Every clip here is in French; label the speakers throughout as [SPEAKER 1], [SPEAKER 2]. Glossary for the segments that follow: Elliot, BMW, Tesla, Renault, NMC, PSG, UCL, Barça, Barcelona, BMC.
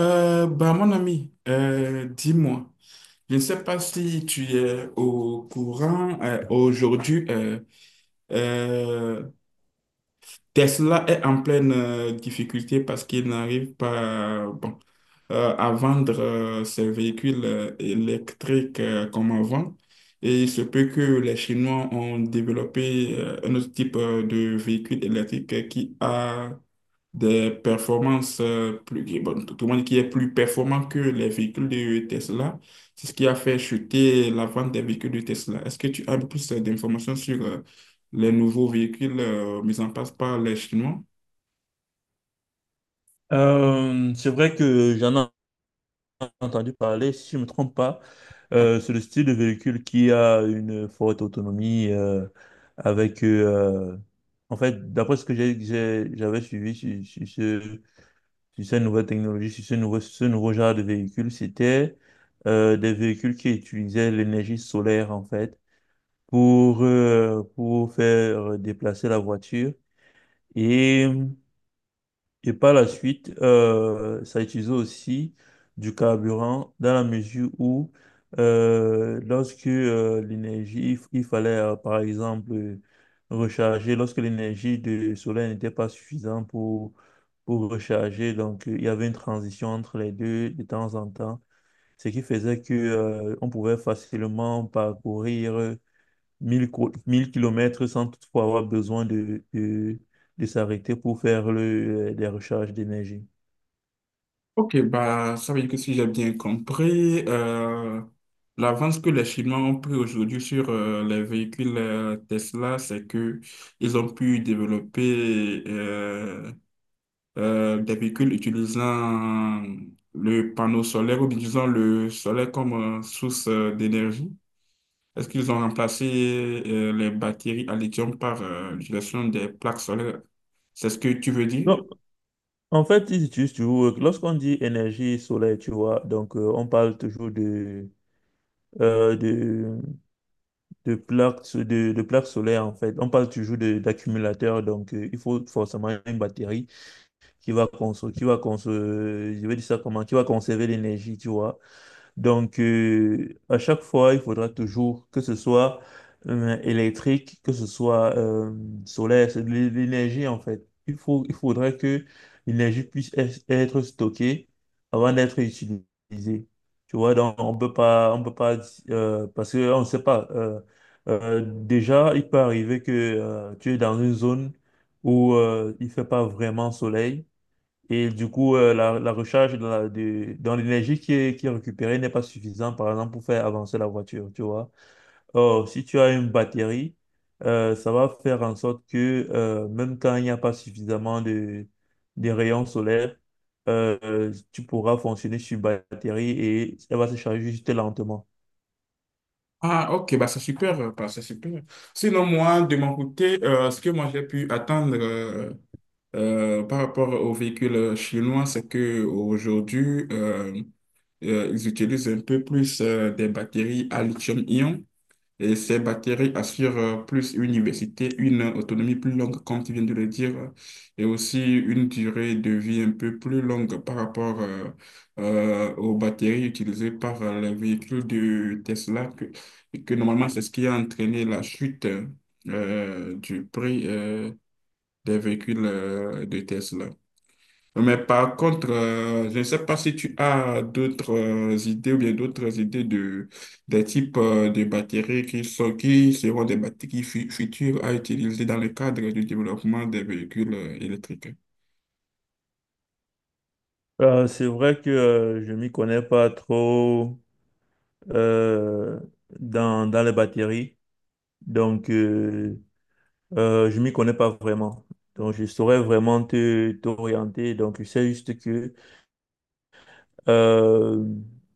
[SPEAKER 1] Mon ami, dis-moi, je ne sais pas si tu es au courant, aujourd'hui, euh, Tesla est en pleine difficulté parce qu'il n'arrive pas à vendre ses véhicules électriques comme avant. Et il se peut que les Chinois ont développé un autre type de véhicule électrique qui a des performances tout tout le monde qui est plus performant que les véhicules de Tesla. C'est ce qui a fait chuter la vente des véhicules de Tesla. Est-ce que tu as plus d'informations sur les nouveaux véhicules mis en place par les Chinois?
[SPEAKER 2] C'est vrai que j'en ai entendu parler, si je ne me trompe pas. C'est le style de véhicule qui a une forte autonomie avec... euh, en fait, d'après ce que j'avais suivi sur sur cette nouvelle technologie, sur ce nouveau genre de véhicule, c'était des véhicules qui utilisaient l'énergie solaire, en fait, pour faire déplacer la voiture. et Et par la suite, ça utilisait aussi du carburant dans la mesure où, lorsque l'énergie, il fallait par exemple recharger, lorsque l'énergie du soleil n'était pas suffisante pour recharger, donc il y avait une transition entre les deux de temps en temps, ce qui faisait que on pouvait facilement parcourir 1000 kilomètres sans toutefois avoir besoin de s'arrêter pour faire des recharges d'énergie.
[SPEAKER 1] Ok, ça veut dire que si j'ai bien compris, l'avance que les Chinois ont pris aujourd'hui sur les véhicules Tesla, c'est que ils ont pu développer des véhicules utilisant le panneau solaire ou bien disons le solaire comme source d'énergie? Est-ce qu'ils ont remplacé les batteries à lithium par l'utilisation des plaques solaires? C'est ce que tu veux dire?
[SPEAKER 2] Donc, en fait, ils utilisent toujours, lorsqu'on dit énergie solaire, tu vois, donc on parle toujours euh, de, de de plaques solaires, en fait. On parle toujours d'accumulateurs, donc il faut forcément une batterie je vais dire ça comment, qui va conserver l'énergie, tu vois. Donc, à chaque fois, il faudra toujours que ce soit électrique, que ce soit solaire, l'énergie en fait. Il faudra que l'énergie puisse être stockée avant d'être utilisée. Tu vois, donc on peut pas, parce qu'on ne sait pas. Déjà, il peut arriver que tu es dans une zone où il fait pas vraiment soleil. Et du coup, la recharge dans l'énergie qui est récupérée n'est pas suffisante, par exemple, pour faire avancer la voiture, tu vois. Or, si tu as une batterie, ça va faire en sorte que même quand il n'y a pas suffisamment de rayons solaires, tu pourras fonctionner sur batterie et elle va se charger juste lentement.
[SPEAKER 1] Ah, ok, bah c'est super, c'est super. Sinon, moi, de mon côté, ce que moi j'ai pu attendre par rapport aux véhicules chinois, c'est que aujourd'hui, ils utilisent un peu plus des batteries à lithium-ion. Et ces bactéries assurent plus une diversité, une autonomie plus longue, comme tu viens de le dire, et aussi une durée de vie un peu plus longue par rapport aux bactéries utilisées par les véhicules de Tesla, que normalement c'est ce qui a entraîné la chute du prix des véhicules de Tesla. Mais par contre, je ne sais pas si tu as d'autres idées ou bien d'autres idées de des types de batteries qui sont, qui seront des batteries futures à utiliser dans le cadre du développement des véhicules électriques.
[SPEAKER 2] C'est vrai que je m'y connais pas trop euh, dans les batteries. Donc, euh, je m'y connais pas vraiment. Donc, je saurais vraiment te t'orienter. Donc, je sais juste que euh,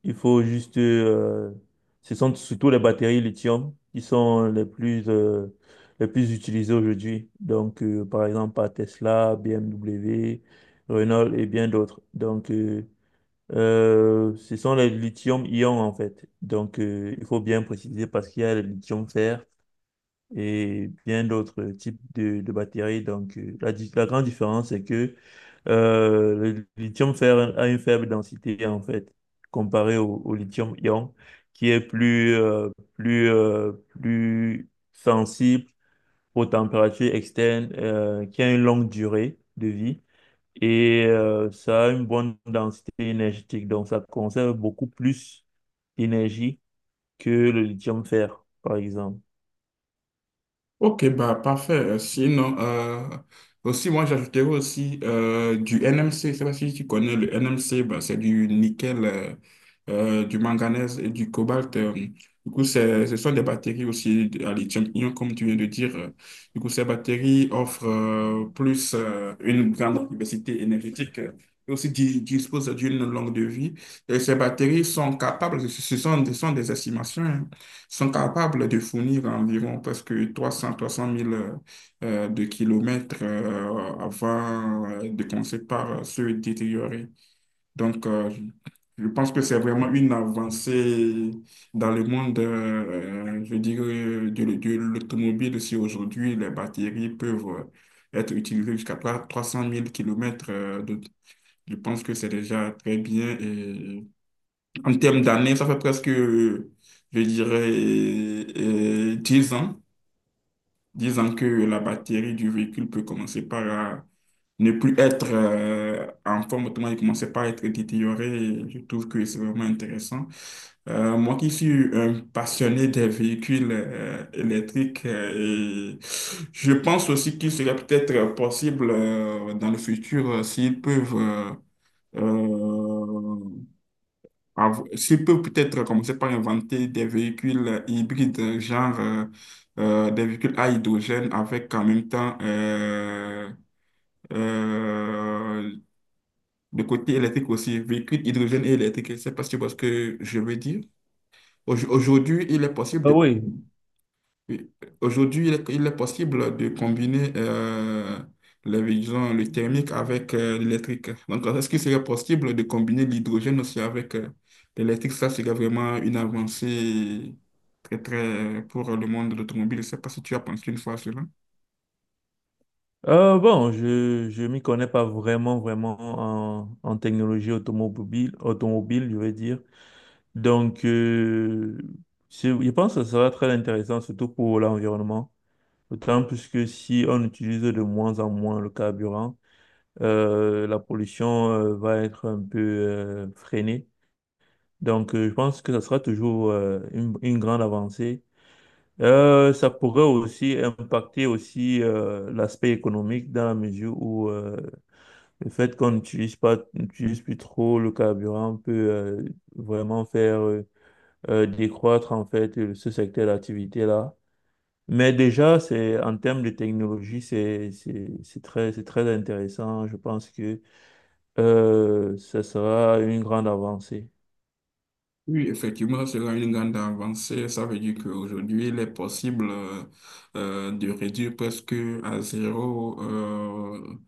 [SPEAKER 2] il faut juste. Ce sont surtout les batteries lithium qui sont les plus utilisées aujourd'hui. Donc, par exemple, par Tesla, BMW, Renault et bien d'autres. Ce sont les lithium-ion en fait. Donc, il faut bien préciser parce qu'il y a le lithium-fer et bien d'autres types de batteries. Donc, la grande différence, c'est que le lithium fer a une faible densité, en fait, comparé au, au lithium-ion, qui est plus, plus, plus sensible aux températures externes, qui a une longue durée de vie. Et ça a une bonne densité énergétique, donc ça conserve beaucoup plus d'énergie que le lithium-fer, par exemple.
[SPEAKER 1] Ok, bah parfait. Sinon, aussi, moi j'ajouterais aussi du NMC. Je sais pas si tu connais le NMC, bah, c'est du nickel, du manganèse et du cobalt. Du coup, ce sont des batteries aussi à lithium-ion, comme tu viens de dire. Du coup, ces batteries offrent plus une grande diversité énergétique. Et aussi disposent d'une longue de vie. Et ces batteries sont capables, ce sont des estimations, hein, sont capables de fournir environ presque 300, 300000 de kilomètres avant de commencer par se détériorer. Donc, je pense que c'est vraiment une avancée dans le monde, je dirais, de l'automobile si aujourd'hui les batteries peuvent être utilisées jusqu'à 300000 kilomètres. Je pense que c'est déjà très bien et en termes d'années, ça fait presque, je dirais, 10 ans. 10 ans que la batterie du véhicule peut commencer par ne plus être en forme, autrement, elle commençait par à être détériorée. Et je trouve que c'est vraiment intéressant. Moi qui suis un passionné des véhicules électriques, et je pense aussi qu'il serait peut-être possible dans le futur s'ils peuvent... euh, s'il peut peut-être commencer par inventer des véhicules hybrides, genre des véhicules à hydrogène avec en même temps euh, le côté électrique aussi, véhicules hydrogène et électrique. Je sais pas si tu vois ce que je veux dire. Aujourd'hui, il est possible
[SPEAKER 2] Ah
[SPEAKER 1] de
[SPEAKER 2] oui.
[SPEAKER 1] oui. Aujourd'hui, il est possible de combiner les disons, le thermique avec l'électrique. Donc, est-ce qu'il serait possible de combiner l'hydrogène aussi avec l'électrique? Ça serait vraiment une avancée très, très pour le monde de l'automobile. Je ne sais pas si tu as pensé une fois à cela.
[SPEAKER 2] Bon, je m'y connais pas vraiment vraiment en, en technologie automobile, je vais dire. Donc euh, je pense que ça sera très intéressant surtout pour l'environnement. D'autant plus que si on utilise de moins en moins le carburant, la pollution va être un peu freinée. Je pense que ça sera toujours une grande avancée. Ça pourrait aussi impacter aussi l'aspect économique dans la mesure où le fait qu'on n'utilise pas, n'utilise plus trop le carburant peut vraiment faire décroître en fait ce secteur d'activité-là. Mais déjà, c'est en termes de technologie, c'est très intéressant. Je pense que ça sera une grande avancée.
[SPEAKER 1] Oui, effectivement, ce sera une grande avancée. Ça veut dire qu'aujourd'hui, il est possible de réduire presque à zéro euh,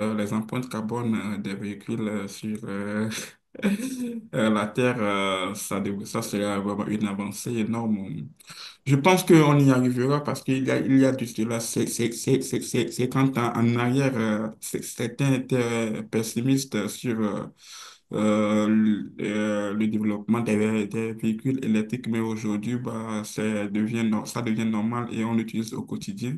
[SPEAKER 1] euh, les empreintes carbone des véhicules sur la Terre. Ça sera vraiment une avancée énorme. Je pense qu'on y arrivera parce qu'il y a de cela 50 ans en arrière, certains étaient pessimistes le développement des, des véhicules électriques, mais aujourd'hui, devient, ça devient normal et on l'utilise au quotidien.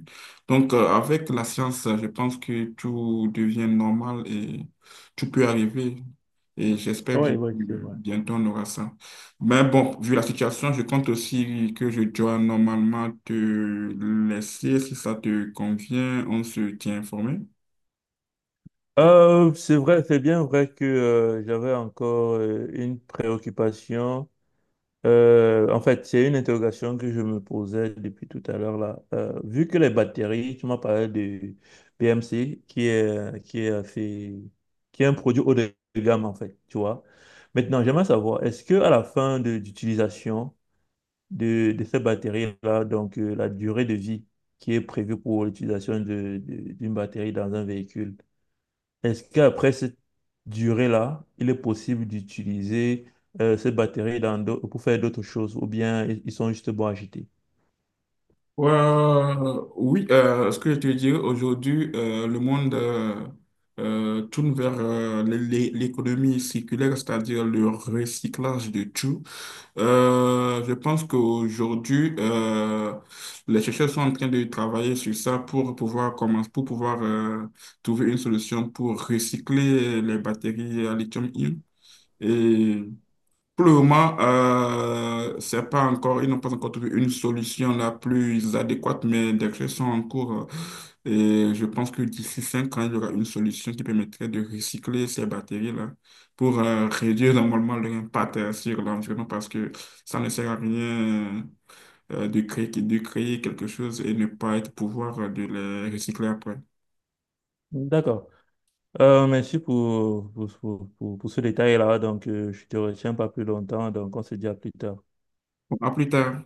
[SPEAKER 1] Donc, avec la science, je pense que tout devient normal et tout peut arriver. Et j'espère
[SPEAKER 2] Oui,
[SPEAKER 1] bien
[SPEAKER 2] oui, c'est
[SPEAKER 1] que
[SPEAKER 2] vrai.
[SPEAKER 1] bientôt on aura ça. Mais bon, vu la situation, je compte aussi que je dois normalement te laisser. Si ça te convient, on se tient informé.
[SPEAKER 2] C'est vrai, c'est bien vrai que j'avais encore une préoccupation. En fait, c'est une interrogation que je me posais depuis tout à l'heure là. Vu que les batteries, tu m'as parlé de BMC, qui est qui est un produit haut de gamme en fait, tu vois. Maintenant, j'aimerais savoir, est-ce que à la fin de d'utilisation de ces batteries-là, donc la durée de vie qui est prévue pour l'utilisation d'une batterie dans un véhicule, est-ce qu'après cette durée-là, il est possible d'utiliser cette batterie pour faire d'autres choses ou bien ils sont juste bons à jeter?
[SPEAKER 1] Oui, ce que je te dirais aujourd'hui, le monde tourne vers l'économie circulaire, c'est-à-dire le recyclage de tout. Je pense qu'aujourd'hui, les chercheurs sont en train de travailler sur ça pour pouvoir trouver une solution pour recycler les batteries à lithium-ion. Et pour le moment, c'est pas encore, ils n'ont pas encore trouvé une solution la plus adéquate, mais des recherches sont en cours. Et je pense que d'ici 5 ans, il y aura une solution qui permettrait de recycler ces batteries-là pour réduire normalement leur impact sur l'environnement parce que ça ne sert à rien de créer, de créer quelque chose et ne pas être pouvoir de les recycler après.
[SPEAKER 2] D'accord. Merci pour ce détail-là. Donc, je te retiens pas plus longtemps. Donc, on se dit à plus tard.
[SPEAKER 1] Bon, à plus tard.